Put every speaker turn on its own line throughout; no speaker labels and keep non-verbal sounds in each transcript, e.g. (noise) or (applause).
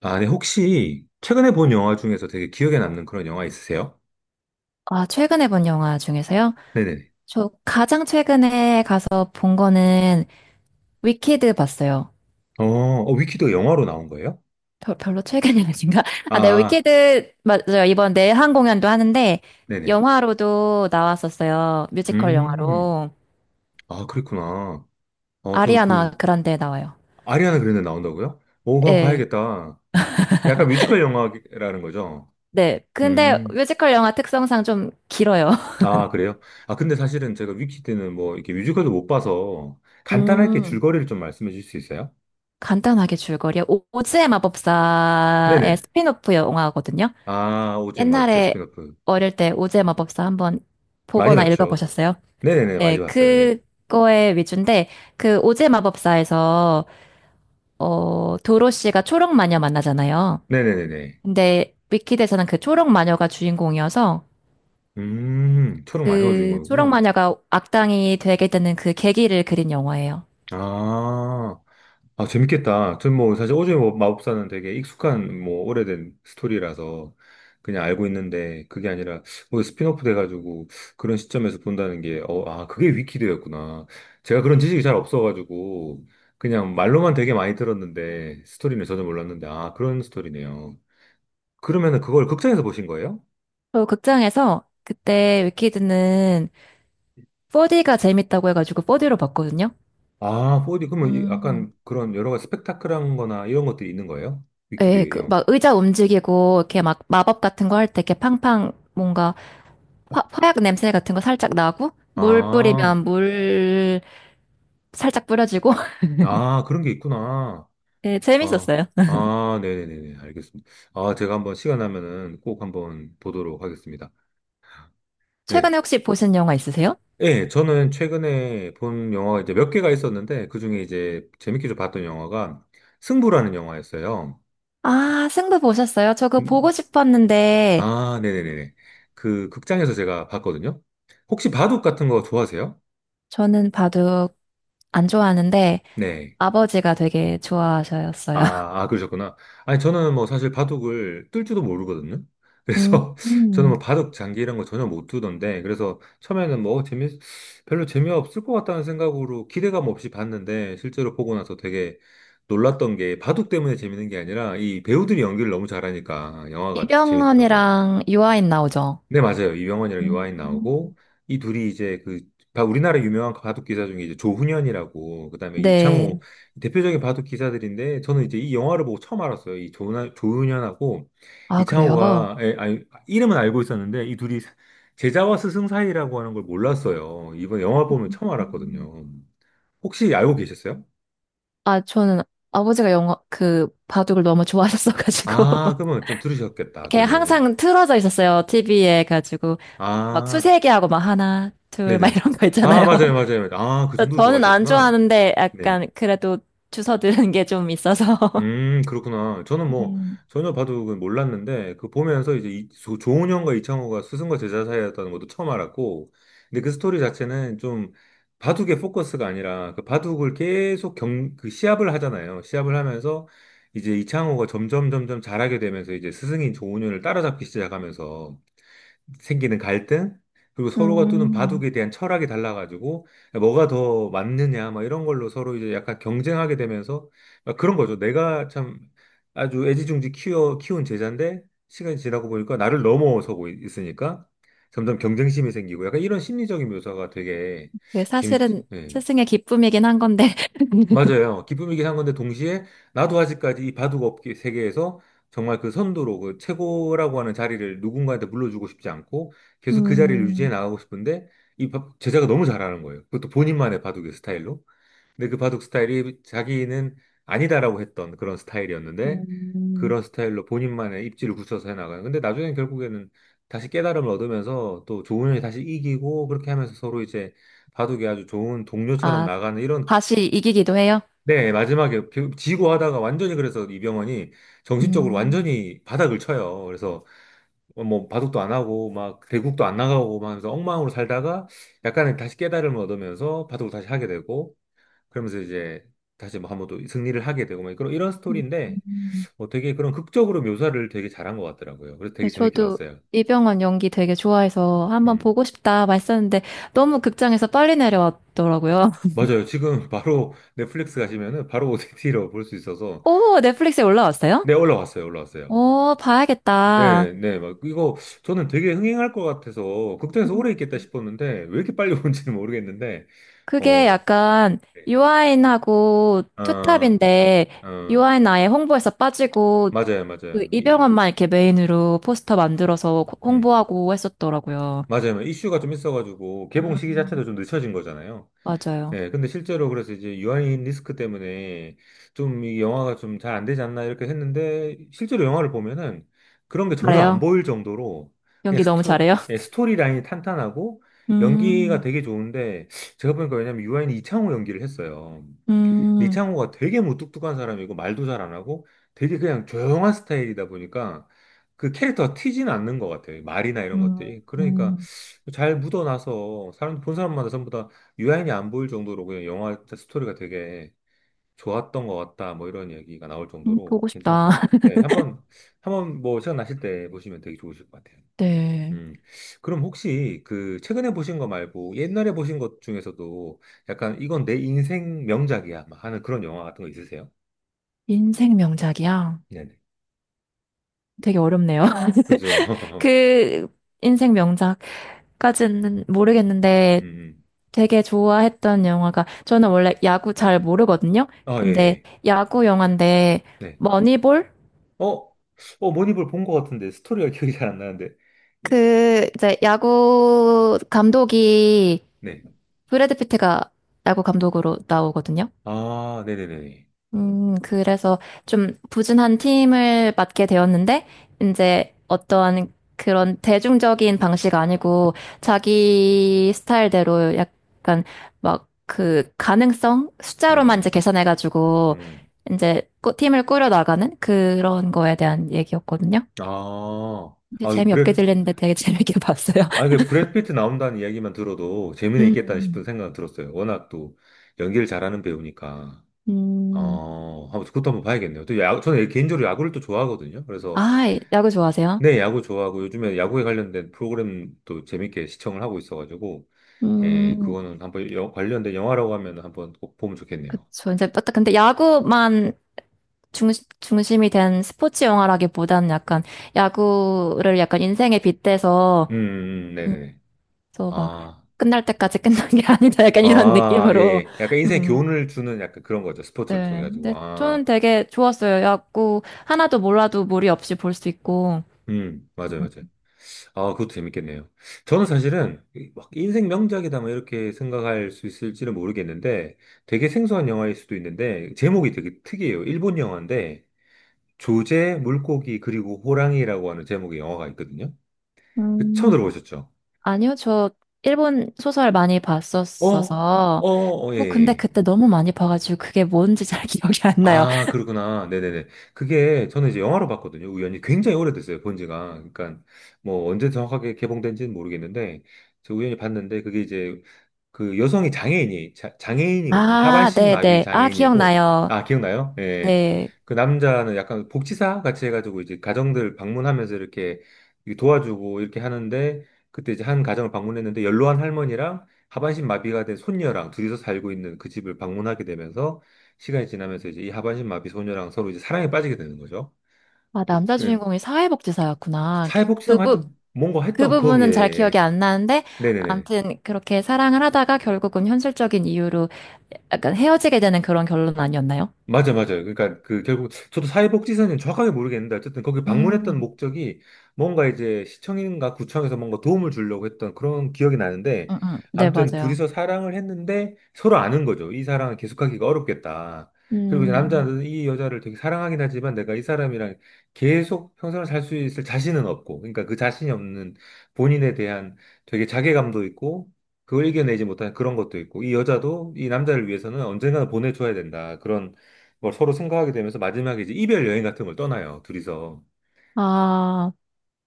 아, 네, 혹시 최근에 본 영화 중에서 되게 기억에 남는 그런 영화 있으세요?
아, 최근에 본 영화 중에서요?
네네네.
저 가장 최근에 가서 본 거는 위키드 봤어요.
위키도 영화로 나온 거예요?
별로 최근이 아닌가? (laughs)
아, 아, 아.
위키드, 맞아요. 이번 내한 공연도 하는데,
네네.
영화로도 나왔었어요. 뮤지컬
음,
영화로.
아, 그랬구나. 어, 저
아리아나
그,
그란데 나와요.
아리아나 그랜데 나온다고요? 오, 그거 한번
예.
봐야겠다. 약간 뮤지컬 영화라는 거죠?
네. 근데
음,
뮤지컬 영화 특성상 좀 길어요. (laughs)
아, 그래요? 아, 근데 사실은 제가 위키 때는 뭐, 이렇게 뮤지컬도 못 봐서 간단하게
음,
줄거리를 좀 말씀해 주실 수 있어요?
간단하게 줄거리요. 오즈의 마법사의
네네.
스피노프 영화거든요.
아, 오즈의 마법사
옛날에
스피노프.
어릴 때 오즈의 마법사 한번
많이
보거나
봤죠?
읽어보셨어요?
네네네, 많이
예,
봤어요. 네.
그거에 위주인데, 그 오즈의 마법사에서, 도로 씨가 초록 마녀 만나잖아요.
네네네네.
근데 위키드에서는 그 초록 마녀가 주인공이어서,
초록 마녀가 주인
그 초록
거구나.
마녀가 악당이 되게 되는 그 계기를 그린 영화예요.
아, 아, 재밌겠다. 전 뭐, 사실 오즈의 마법사는 되게 익숙한, 뭐, 오래된 스토리라서 그냥 알고 있는데, 그게 아니라, 뭐, 스핀오프 돼가지고 그런 시점에서 본다는 게, 그게 위키드였구나. 제가 그런 지식이 잘 없어가지고, 그냥 말로만 되게 많이 들었는데, 스토리는 전혀 몰랐는데, 아, 그런 스토리네요. 그러면은 그걸 극장에서 보신 거예요?
저 극장에서 그때 위키드는 4D가 재밌다고 해가지고 4D로 봤거든요.
아, 4D 그러면
음.
약간 그런 여러 가지 스펙타클한 거나 이런 것들이 있는 거예요?
예,
위키드
그,
영화.
막 의자 움직이고, 이렇게 막 마법 같은 거 할 때 이렇게 팡팡 뭔가 화약 냄새 같은 거 살짝 나고, 물
아,
뿌리면 물 살짝 뿌려지고, (laughs)
아, 그런 게 있구나.
예,
아,
재밌었어요.
아, 네네네네. 알겠습니다. 아, 제가 한번 시간 나면은 꼭 한번 보도록 하겠습니다. 네.
최근에 혹시 보신 영화 있으세요?
예, 저는 최근에 본 영화가 이제 몇 개가 있었는데, 그 중에 이제 재밌게 좀 봤던 영화가 승부라는 영화였어요.
아, 승부 보셨어요? 저 그거 보고
음,
싶었는데,
아, 네네네네. 그 극장에서 제가 봤거든요. 혹시 바둑 같은 거 좋아하세요?
저는 바둑 안 좋아하는데,
네.
아버지가 되게 좋아하셨어요. (laughs)
아, 아, 그러셨구나. 아니, 저는 뭐 사실 바둑을 뜰 줄도 모르거든요.
음,
그래서 (laughs) 저는 뭐
음.
바둑 장기 이런 거 전혀 못 두던데, 그래서 처음에는 별로 재미없을 것 같다는 생각으로 기대감 없이 봤는데, 실제로 보고 나서 되게 놀랐던 게 바둑 때문에 재밌는 게 아니라 이 배우들이 연기를 너무 잘하니까 영화가 되게 재밌더라고요.
이병헌이랑 유아인 나오죠?
네, 맞아요. 이병헌이랑 요하인 나오고,
음.
이 둘이 이제 그, 바- 우리나라 유명한 바둑 기사 중에 이제 조훈현이라고, 그 다음에 이창호,
네.
대표적인 바둑 기사들인데, 저는 이제 이 영화를 보고 처음 알았어요. 이 조훈현하고
아, 그래요?
이창호가, 에, 아니, 이름은 알고 있었는데, 제자와 스승 사이라고 하는 걸 몰랐어요. 이번 영화 보면 처음
음.
알았거든요. 혹시 알고 계셨어요?
아, 저는 아버지가 영화, 그, 바둑을 너무 좋아하셨어가지고.
아,
(laughs)
그러면 좀 들으셨겠다. 그런
그냥
내용은.
항상 틀어져 있었어요. TV에 가지고. 막
아,
수세기하고 막 하나, 둘, 막
네네.
이런 거
아,
있잖아요.
맞아요, 맞아요. 맞아요. 아, 그
(laughs)
정도로
저는 안
좋아하셨구나.
좋아하는데
네.
약간 그래도 주워 들은 게 좀 있어서.
그렇구나. 저는
(laughs)
뭐
음.
전혀 바둑은 몰랐는데 그 보면서 조은현과 이창호가 스승과 제자 사이였다는 것도 처음 알았고 근데 그 스토리 자체는 좀 바둑의 포커스가 아니라 그 바둑을 그 시합을 하잖아요. 시합을 하면서 이제 이창호가 점점 점점 잘하게 되면서 이제 스승인 조은현을 따라잡기 시작하면서 생기는 갈등, 그리고 서로가 두는
음.
바둑에 대한 철학이 달라가지고 뭐가 더 맞느냐, 막 이런 걸로 서로 이제 약간 경쟁하게 되면서 막 그런 거죠. 내가 참 아주 애지중지 키워 키운 제자인데 시간이 지나고 보니까 나를 있으니까 점점 경쟁심이 생기고 약간 이런 심리적인 묘사가 되게
그게
재밌지.
사실은
예.
스승의 기쁨이긴 한 건데. (laughs)
맞아요. 기쁨이긴 한 건데 동시에 나도 아직까지 이 바둑업계 세계에서 정말 그 선두로 그 최고라고 하는 자리를 누군가한테 물려주고 싶지 않고 계속 그 자리를 유지해
음.
나가고 싶은데 제자가 너무 잘하는 거예요. 그것도 본인만의 바둑의 스타일로. 근데 그 바둑 스타일이 자기는 아니다라고 했던 그런 스타일이었는데
음.
그런 스타일로 본인만의 입지를 굳혀서 해나가는. 근데 나중에 결국에는 다시 깨달음을 얻으면서 또 좋은 형이 다시 이기고 그렇게 하면서 서로 이제 바둑이 아주 좋은 동료처럼
아,
나가는 이런.
다시 이기기도 해요?
네, 지고 하다가 완전히 그래서 이병헌이 정신적으로
음.
완전히 바닥을 쳐요. 그래서 뭐 바둑도 안 하고 막 대국도 안 나가고 막 하면서 엉망으로 살다가 약간의 다시 깨달음을 얻으면서 바둑을 다시 하게 되고 그러면서 이제 다시 뭐 한번 또 승리를 하게 되고 막 그런 이런 스토리인데
음.
뭐 되게 그런 극적으로 묘사를 되게 잘한 것 같더라고요. 그래서
네,
되게 재밌게
저도
봤어요.
이병헌 연기 되게 좋아해서 한번
음.
보고 싶다 말했었는데 너무 극장에서 빨리 내려왔더라고요. (laughs)
맞아요. 지금 (laughs) 바로 넷플릭스 가시면은 바로 (laughs) 오디티로 볼 수 있어서
오, 넷플릭스에 올라왔어요?
네, 올라왔어요. 올라왔어요.
오, 봐야겠다.
네, 네, 막 이거 저는 되게 흥행할 것 같아서 극장에서
음.
오래 있겠다 싶었는데 왜 이렇게 빨리 (laughs) 오는지는 모르겠는데
그게
어,
약간
네.
유아인하고
아,
투탑인데
어,
유아인 아예 홍보에서 빠지고
맞아요,
그
맞아요. 이,
이병헌만 이렇게 메인으로 포스터 만들어서
음,
홍보하고 했었더라고요.
맞아요. 이슈가 좀 있어가지고 개봉 시기
음.
자체도 좀 늦춰진 거잖아요.
맞아요.
예, 근데 실제로 그래서 이제 유아인 리스크 때문에 좀 이 영화가 좀 잘 안 되지 않나 이렇게 했는데 실제로 영화를 보면은 그런 게 전혀 안
잘해요.
보일 정도로
연기 너무 잘해요.
예, 스토리 라인이 탄탄하고
(laughs)
연기가
음,
되게 좋은데 제가 보니까 왜냐면 유아인이 이창호 연기를 했어요. 근데
음,
이창호가 되게 무뚝뚝한 사람이고 말도 잘 안 하고 되게 그냥 조용한 스타일이다 보니까 그 캐릭터가 튀지는 않는 것 같아요. 말이나 이런
음.
것들이. 그러니까
음.
잘 묻어나서 사람 본 사람마다 전부 다 유아인이 안 보일 정도로 그냥 영화 스토리가 되게 좋았던 것 같다. 뭐 이런 얘기가 나올 정도로
보고
괜찮았던
싶다.
것 같아요.
(laughs)
한번 뭐 시간 나실 때 보시면 되게 좋으실 것 같아요.
네.
음, 그럼 혹시 그 최근에 보신 거 말고 옛날에 보신 것 중에서도 약간 이건 내 인생 명작이야 막 하는 그런 영화 같은 거 있으세요?
인생 명작이야.
네네.
되게 어렵네요.
그죠?
(laughs)
(laughs)
그 인생 명작까지는 모르겠는데
음.
되게 좋아했던 영화가 저는 원래 야구 잘 모르거든요.
아, 예.
근데
예.
야구 영화인데
네.
머니볼?
어, 모니볼 본 것 같은데 스토리가 (laughs) 기억이 잘 안 나는데. 예,
그 이제 야구 감독이
네.
브래드 피트가 야구 감독으로 나오거든요.
아, 네네네.
그래서 좀 부진한 팀을 맡게 되었는데, 이제 어떠한 그런 대중적인 방식 아니고, 자기 스타일대로 약간 막 그 가능성? 숫자로만 이제
음,
계산해가지고,
음.
이제 팀을 꾸려나가는 그런 거에 대한 얘기였거든요.
아,
근데
아, 이
재미없게
브렉,
들리는데 되게 (laughs) 재밌게 봤어요.
아, 그 브래드 피트 나온다는 이야기만 들어도 재미는 있겠다
음,
싶은 생각은 들었어요. 워낙 또 연기를 잘하는 배우니까.
(laughs) 음.
그것도 한번 봐야겠네요. 또 야구, 저는 개인적으로 야구를 또 좋아하거든요. 그래서,
아, 야구 좋아하세요?
네, 야구 좋아하고, 요즘에 야구에 관련된 프로그램도 재밌게 시청을 하고 있어가지고,
음,
관련된 영화라고 하면 한번 꼭 보면 좋겠네요.
그쵸. 이제, 근데 야구만 중, 중심이 된 스포츠 영화라기보다는 약간 야구를 약간 인생에 빗대서, 음,
네네네.
그래서 막
아,
끝날 때까지 끝난 게 (laughs) 아니다. 약간 이런
아, 예,
느낌으로.
예. 약간 인생에
음,
교훈을 주는 약간 그런 거죠. 스포츠를
네.
통해가지고.
근데 저는
아,
되게 좋았어요. 야구 하나도 몰라도 무리 없이 볼 수 있고.
맞아요, 맞아요. 아, 그것도 재밌겠네요. 저는 사실은 막 인생 명작이다 뭐 이렇게 생각할 수 있을지는 모르겠는데 되게 생소한 영화일 수도 있는데 제목이 되게 특이해요. 일본 영화인데 조제, 물고기 그리고 호랑이라고 하는 제목의 영화가 있거든요. 그 처음
음,
들어보셨죠?
아니요, 저 일본 소설 많이
어,
봤었어서.
예.
뭐, 근데
예.
그때 너무 많이 봐가지고 그게 뭔지 잘 (laughs) 기억이 안 나요.
아, 그렇구나. 네네네. 그게 저는 이제 영화로 봤거든요. 우연히 굉장히 오래됐어요. 본 지가. 그러니까 뭐 언제 정확하게 개봉된지는 모르겠는데 저 우연히 봤는데 그게 이제 그 여성이 장애인이거든요.
아,
하반신 마비
네네. 아,
장애인이고
기억나요.
아 기억나요? 예.
네.
그 남자는 약간 복지사 같이 해가지고 이제 가정들 방문하면서 이렇게 이렇게 도와주고 이렇게 하는데 그때 이제 한 가정을 방문했는데 연로한 할머니랑 하반신 마비가 된 손녀랑 둘이서 살고 있는 그 집을 방문하게 되면서 시간이 지나면서 이제 이 하반신 마비 소녀랑 서로 이제 사랑에 빠지게 되는 거죠.
아, 남자
그
주인공이 사회복지사였구나.
사회복지사가 하여튼 뭔가
그
했던
부분은 잘 기억이
거기에
안 나는데,
네네네
아무튼 그렇게 사랑을 하다가 결국은 현실적인 이유로 약간 헤어지게 되는 그런 결론 아니었나요?
맞아요. 그러니까 그 결국 저도 사회복지사는 정확하게 모르겠는데 어쨌든 거기 방문했던
음,
목적이 뭔가 이제 시청인가 구청에서 뭔가 도움을 주려고 했던 그런 기억이 나는데
네,
아무튼
맞아요.
둘이서 사랑을 했는데 서로 아는 거죠. 이 사랑을 계속하기가 어렵겠다. 그리고 이제
음,
남자는 이 여자를 되게 사랑하긴 하지만 내가 이 사람이랑 계속 평생을 살 수 있을 자신은 없고 그러니까 그 자신이 없는 본인에 대한 되게 자괴감도 있고 그걸 이겨내지 못하는 그런 것도 있고 이 여자도 이 남자를 위해서는 언젠가는 보내줘야 된다. 그런 걸 서로 생각하게 되면서 마지막에 이제 이별 여행 같은 걸 떠나요, 둘이서.
아,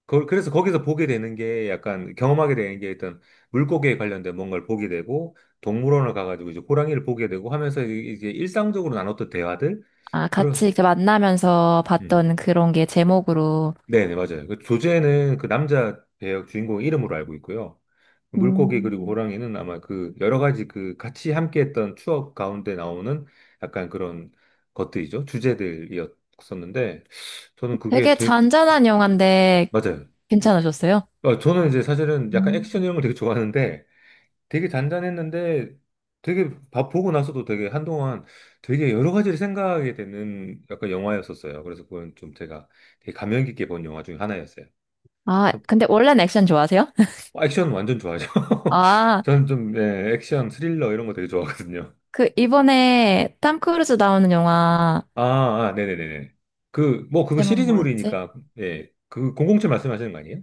그래서 거기서 보게 되는 게 약간 경험하게 되는 게 일단 물고기에 관련된 뭔가를 보게 되고 동물원을 가가지고 이제 호랑이를 보게 되고 하면서 이제 일상적으로 나눴던 대화들
같이
그런.
이렇게 만나면서
음.
봤던 그런 게 제목으로.
네네 맞아요. 그 조제는 그 남자 배역 주인공 이름으로 알고 있고요. 물고기 그리고
음,
호랑이는 아마 그 여러 가지 그 같이 함께했던 추억 가운데 나오는 약간 그런 것들이죠. 주제들이었었는데 저는 그게
되게
되게
잔잔한 영화인데
맞아요.
괜찮으셨어요?
어, 저는 이제 사실은 약간 액션
음.
이런 걸 되게 좋아하는데 되게 잔잔했는데 되게 밥 보고 나서도 되게 한동안 되게 여러 가지를 생각하게 되는 약간 영화였었어요. 그래서 그건 좀 제가 되게 감명 깊게 본 영화 중에 하나였어요.
아,
한-
근데 원래는 액션 좋아하세요? (laughs)
액션 완전 좋아하죠. (laughs)
아,
저는 좀 예, 액션 스릴러 이런 거 되게 좋아하거든요.
그 이번에 탐 크루즈 나오는 영화
아, 아, 네네네네. 그 뭐 그거
제목 뭐였지?
시리즈물이니까 예, 그 007 말씀하시는 거 아니에요?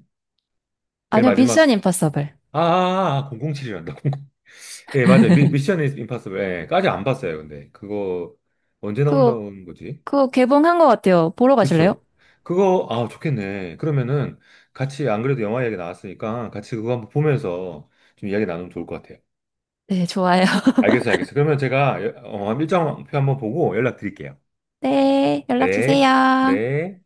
제일
아니요, 미션
마지막
임파서블.
아, 아, 아 007이란다. 예, 맞아요. 미션 임파서블. 예, 까지 안 봤어요, 근데. 그거 언제
그거
나온다는 거지?
그거 개봉한 것 같아요. 보러 가실래요?
그쵸? 그거, 아, 좋겠네. 그러면은 같이 안 그래도 영화 이야기 나왔으니까 같이 그거 한번 보면서 좀 이야기 나누면 좋을 것 같아요.
네, 좋아요. (laughs)
알겠어요, 알겠어요. 그러면 제가 일정표 한번 보고 연락드릴게요.
네, 연락
네,
주세요.
네.